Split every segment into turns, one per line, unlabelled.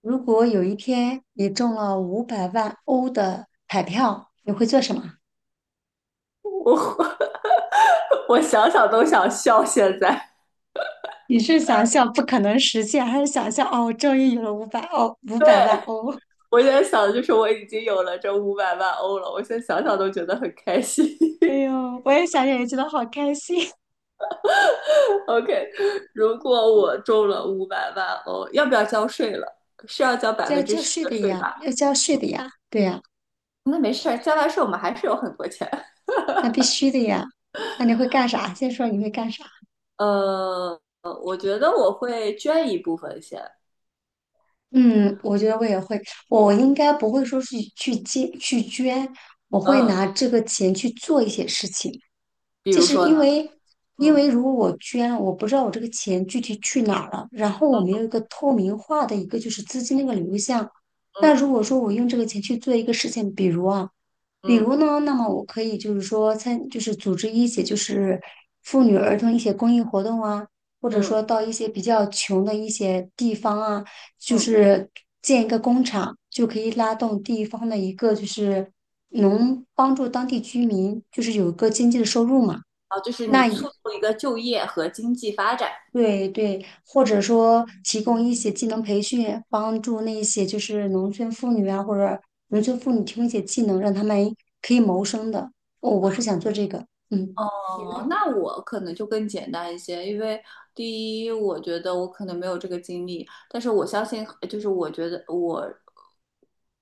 如果有一天你中了五百万欧的彩票，你会做什么？
我 我想想都想笑。现在，
你是想象不可能实现，还是想象哦，终于有了500欧，五百万
对,
欧？
我现在想的就是我已经有了这五百万欧了，我现在想想都觉得很开心。
哎 呦，我也想想，也觉得好开心。
OK，如果我中了五百万欧，要不要交税了？是要交 百
就要
分之
交
十
税
的
的
税吧？
呀，要交税的呀，对呀，
那没事交完税我们还是有很多钱。
那必须的呀。那你会干啥？先说你会干啥？
呃，我觉得我会捐一部分先。
嗯，我觉得我也会，我应该不会说是去捐，我会
嗯，
拿这个钱去做一些事情。
比
就
如
是
说呢，
因为，因
嗯
为如果我捐了，我不知道我这个钱具体去哪儿了，然后我没有一个透明化的一个就是资金的一个流向。那如
嗯
果说我用这个钱去做一个事情，比如啊，比
嗯
如呢，那么我可以就是说就是组织一些就是妇女儿童一些公益活动啊，或者
嗯
说到一些比较穷的一些地方啊，就
嗯，
是建一个工厂，就可以拉动地方的一个就是能帮助当地居民，就是有一个经济的收入嘛。
啊，就是你
那
促
也
进一个就业和经济发展。
对对，或者说提供一些技能培训，帮助那些就是农村妇女啊，或者农村妇女提供一些技能，让他们可以谋生的。我是想做这个，嗯。
哦，那我可能就更简单一些，因为第一，我觉得我可能没有这个经历，但是我相信，就是我觉得我，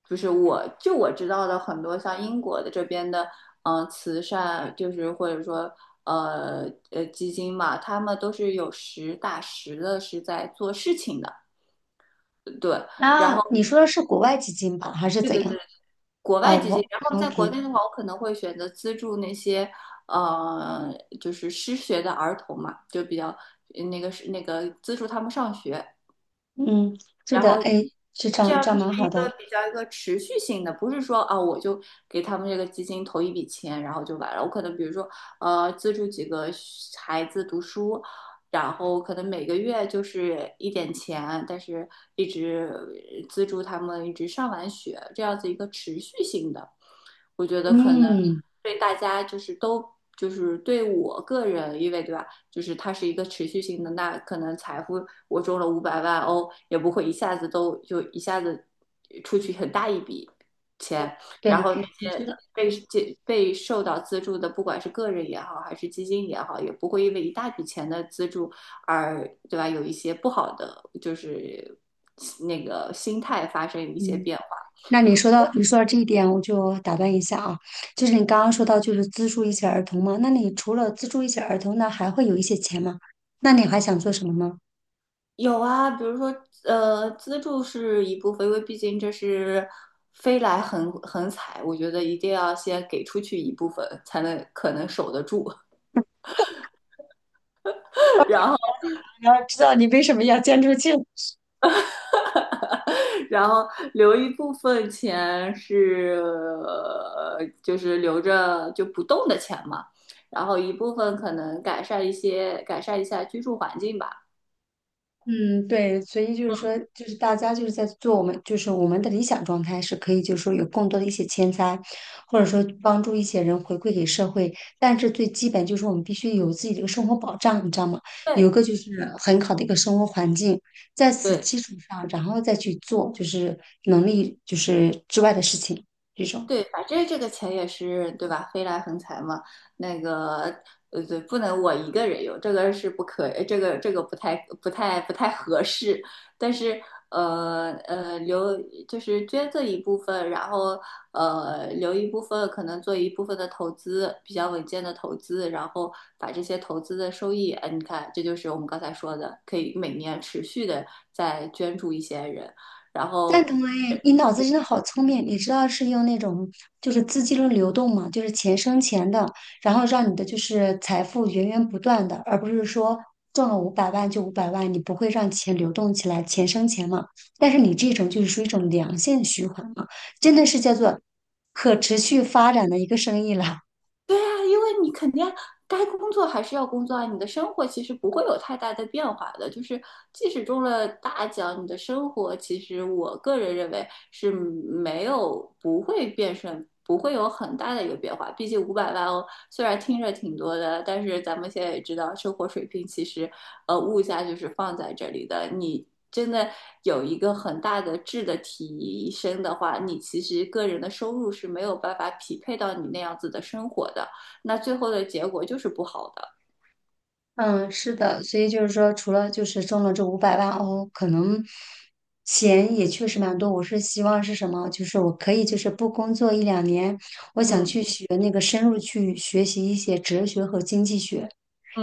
就我知道的很多像英国的这边的，慈善就是或者说基金嘛，他们都是有实打实的是在做事情的，对。然
那
后。
你说的是国外基金吧，还是怎样？
国
哦，
外基金，
我
然后在国
OK，
内的话，我可能会选择资助那些呃，就是失学的儿童嘛，就比较资助他们上学。
嗯，是
然
的，
后
哎，是这
这
样，
样
这
子
样蛮
是
好
一
的，
个比较一个持续性的，不是说啊我就给他们这个基金投一笔钱，然后就完了。我可能比如说资助几个孩子读书，然后可能每个月就是一点钱，但是一直资助他们一直上完学，这样子一个持续性的，我觉得可能
嗯，
对大家就是都。就是对我个人，因为对吧？就是它是一个持续性的，那可能财富我中了五百万欧，也不会一下子都就一下子出去很大一笔钱，然
对，
后那
你说
些。
的，
被被受到资助的，不管是个人也好，还是基金也好，也不会因为一大笔钱的资助而，对吧？有一些不好的，就是那个心态发生一些
嗯。
变化。
那你说到这一点，我就打断一下啊，就是你刚刚说到就是资助一些儿童嘛，那你除了资助一些儿童呢，那还会有一些钱吗？那你还想做什么吗？
有啊，比如说，资助是一部分，因为毕竟这是飞来横财，我觉得一定要先给出去一部分，才能可能守得住，然后
然要知道你为什么要捐出去？
然后留一部分钱是，就是留着就不动的钱嘛，然后一部分可能改善一下居住环境吧，
嗯，对，所以就是说，就是大家就是在做我们，就是我们的理想状态是可以，就是说有更多的一些钱财，或者说帮助一些人回馈给社会。但是最基本就是我们必须有自己的一个生活保障，你知道吗？有一
对。
个就是很好的一个生活环境，在此
对，
基础上，然后再去做就是能力就是之外的事情，这种。
对，反正这个钱也是对吧？飞来横财嘛，那个对，不能我一个人用，这个是不可，这个不太合适。但是留就是捐赠一部分，然后留一部分，可能做一部分的投资，比较稳健的投资，然后把这些投资的收益，哎，你看，这就是我们刚才说的，可以每年持续的再捐助一些人，然
赞
后。
同哎，你脑子真的好聪明！你知道是用那种就是资金的流动嘛，就是钱生钱的，然后让你的就是财富源源不断的，而不是说中了五百万就五百万，你不会让钱流动起来，钱生钱嘛。但是你这种就是属于一种良性循环嘛，真的是叫做可持续发展的一个生意了。
对呀，因为你肯定该工作还是要工作啊，你的生活其实不会有太大的变化的。就是即使中了大奖，你的生活其实我个人认为是没有不会变顺，不会有很大的一个变化。毕竟五百万哦，虽然听着挺多的，但是咱们现在也知道，生活水平其实物价就是放在这里的，你。真的有一个很大的质的提升的话，你其实个人的收入是没有办法匹配到你那样子的生活的。那最后的结果就是不好的。
嗯，是的，所以就是说，除了就是中了这五百万哦，可能钱也确实蛮多。我是希望是什么？就是我可以就是不工作1-2年，我想
嗯
去学那个深入去学习一些哲学和经济学，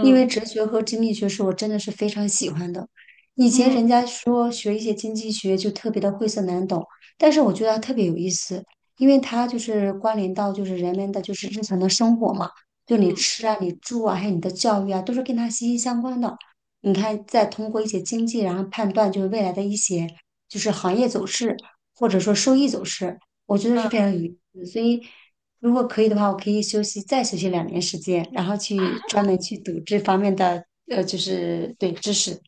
因为哲学和经济学是我真的是非常喜欢的。以前
嗯
人家说学一些经济学就特别的晦涩难懂，但是我觉得它特别有意思，因为它就是关联到就是人们的就是日常的生活嘛。就你
嗯
吃啊、你住啊，还有你的教育啊，都是跟它息息相关的。你看，再通过一些经济，然后判断就是未来的一些就是行业走势，或者说收益走势，我觉得是
嗯，
非常有意思。所以，如果可以的话，我可以休息再休息2年时间，然后去专门去读这方面的就是对知识。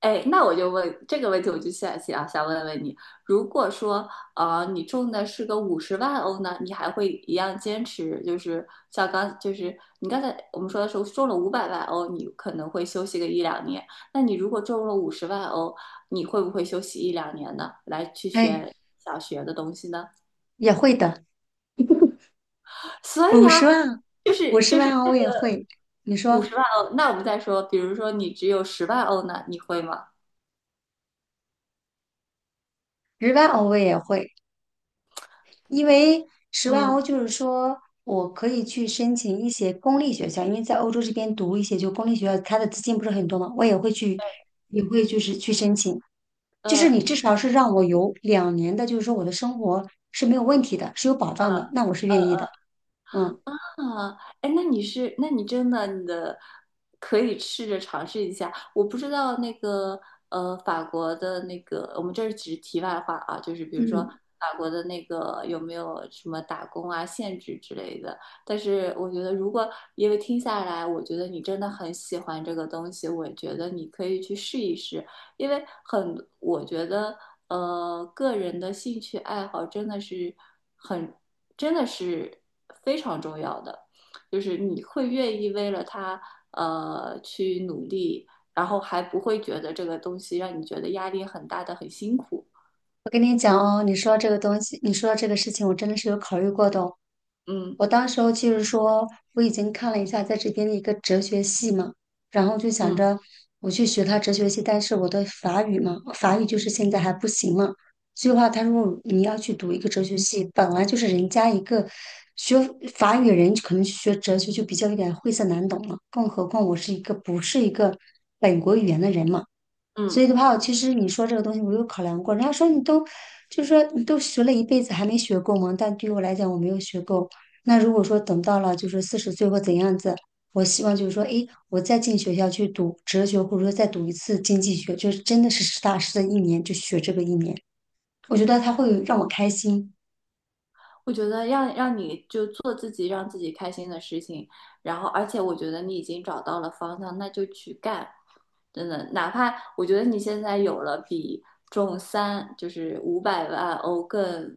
哎，那我就问这个问题，我就想问问你，如果说你中的是个五十万欧呢，你还会一样坚持？就是你刚才我们说的时候中了五百万欧，你可能会休息个一两年。那你如果中了五十万欧，你会不会休息一两年呢？来去
哎，
学想学的东西呢？
也会的，
所以
五十
啊，
万，
就
五
是
十
就是
万欧我也会。你
五十
说
万欧，那我们再说，比如说你只有十万欧呢，你会吗？
十万欧我也会，因为十万欧
嗯，
就是说我可以去申请一些公立学校，因为在欧洲这边读一些就公立学校，它的资金不是很多嘛，我也会去，也会就是去申请。就是
呃，
你至少是让我有两年的，就是说我的生活是没有问题的，是有保障的，那我是愿意的。嗯
啊，哎，那你是，那你真的，你的可以试着尝试一下。我不知道那个，法国的那个，我们这儿只是题外话啊，就是比如说
嗯。
法国的那个有没有什么打工啊、限制之类的。但是我觉得，如果因为听下来，我觉得你真的很喜欢这个东西，我觉得你可以去试一试，因为很，我觉得，个人的兴趣爱好真的是。很。真的是非常重要的，就是你会愿意为了他去努力，然后还不会觉得这个东西让你觉得压力很大的很辛苦。
我跟你讲哦，你说到这个东西，你说到这个事情，我真的是有考虑过的哦。
嗯
我当时候就是说，我已经看了一下在这边的一个哲学系嘛，然后就想
嗯
着我去学他哲学系，但是我的法语嘛，法语就是现在还不行嘛。所以话，他说你要去读一个哲学系，本来就是人家一个学法语的人，可能去学哲学就比较有点晦涩难懂了，更何况我是一个不是一个本国语言的人嘛。所
嗯。
以的话，其实你说这个东西，我有考量过。人家说你都，就是说你都学了一辈子还没学够吗？但对于我来讲，我没有学够。那如果说等到了就是40岁或怎样子，我希望就是说，诶，我再进学校去读哲学，或者说再读一次经济学，就是真的是实打实的一年就学这个一年，我觉得他会让我开心。
我觉得让你就做自己让自己开心的事情，然后而且我觉得你已经找到了方向，那就去干。真的，哪怕我觉得你现在有了比中三就是五百万欧更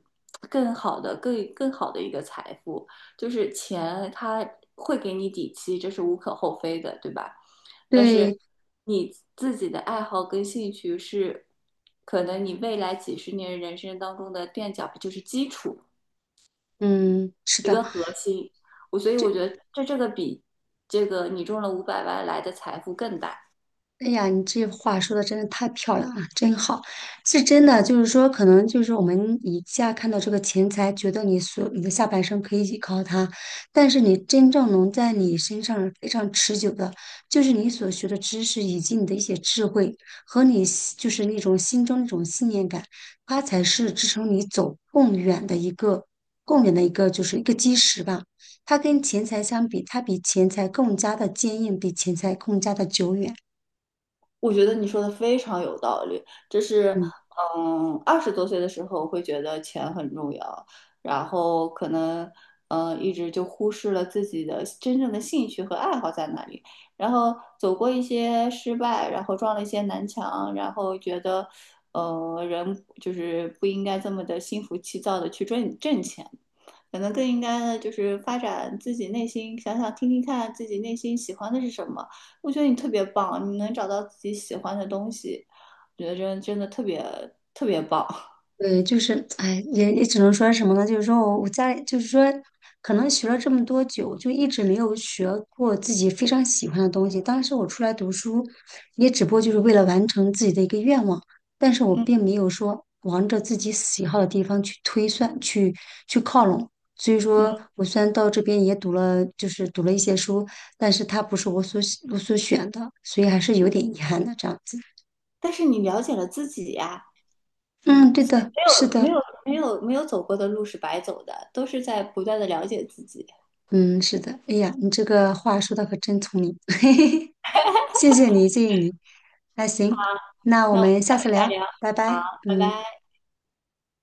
更好的、更更好的一个财富，就是钱它会给你底气，这是无可厚非的，对吧？但是
对，
你自己的爱好跟兴趣是可能你未来几十年人生当中的垫脚，就是基础。
嗯，是
一
的。
个核心。所以我觉得这个比你中了五百万来的财富更大。
哎呀，你这话说的真的太漂亮了，真好，是真的。就是说，可能就是我们以下看到这个钱财，觉得你所你的下半生可以依靠它，但是你真正能在你身上非常持久的，就是你所学的知识以及你的一些智慧和你心就是那种心中那种信念感，它才是支撑你走更远的一个就是一个基石吧。它跟钱财相比，它比钱财更加的坚硬，比钱财更加的久远。
我觉得你说的非常有道理，这是，
嗯。
嗯，20多岁的时候会觉得钱很重要，然后可能，嗯，一直就忽视了自己的真正的兴趣和爱好在哪里，然后走过一些失败，然后撞了一些南墙，然后觉得，人就是不应该这么的心浮气躁的去挣钱，可能更应该的就是发展自己内心，想想听听看自己内心喜欢的是什么。我觉得你特别棒，你能找到自己喜欢的东西，我觉得真的特别特别棒。
对，就是，哎，也只能说什么呢？就是说我家里，就是说，可能学了这么多久，就一直没有学过自己非常喜欢的东西。当时我出来读书，也只不过就是为了完成自己的一个愿望，但是我
嗯
并没有说往着自己喜好的地方去推算、去靠拢。所以
嗯，
说，我虽然到这边也读了，就是读了一些书，但是它不是我所选的，所以还是有点遗憾的这样子。
但是你了解了自己呀、
嗯，对的，
没
是
有没
的。
有没有没有走过的路是白走的，都是在不断的了解自己。
嗯，是的。哎呀，你这个话说的可真聪明，嘿嘿嘿，谢谢你，谢谢你。那
好，
行，那我
那我们
们下次
再
聊，
聊，
拜拜。
好，拜
嗯。
拜。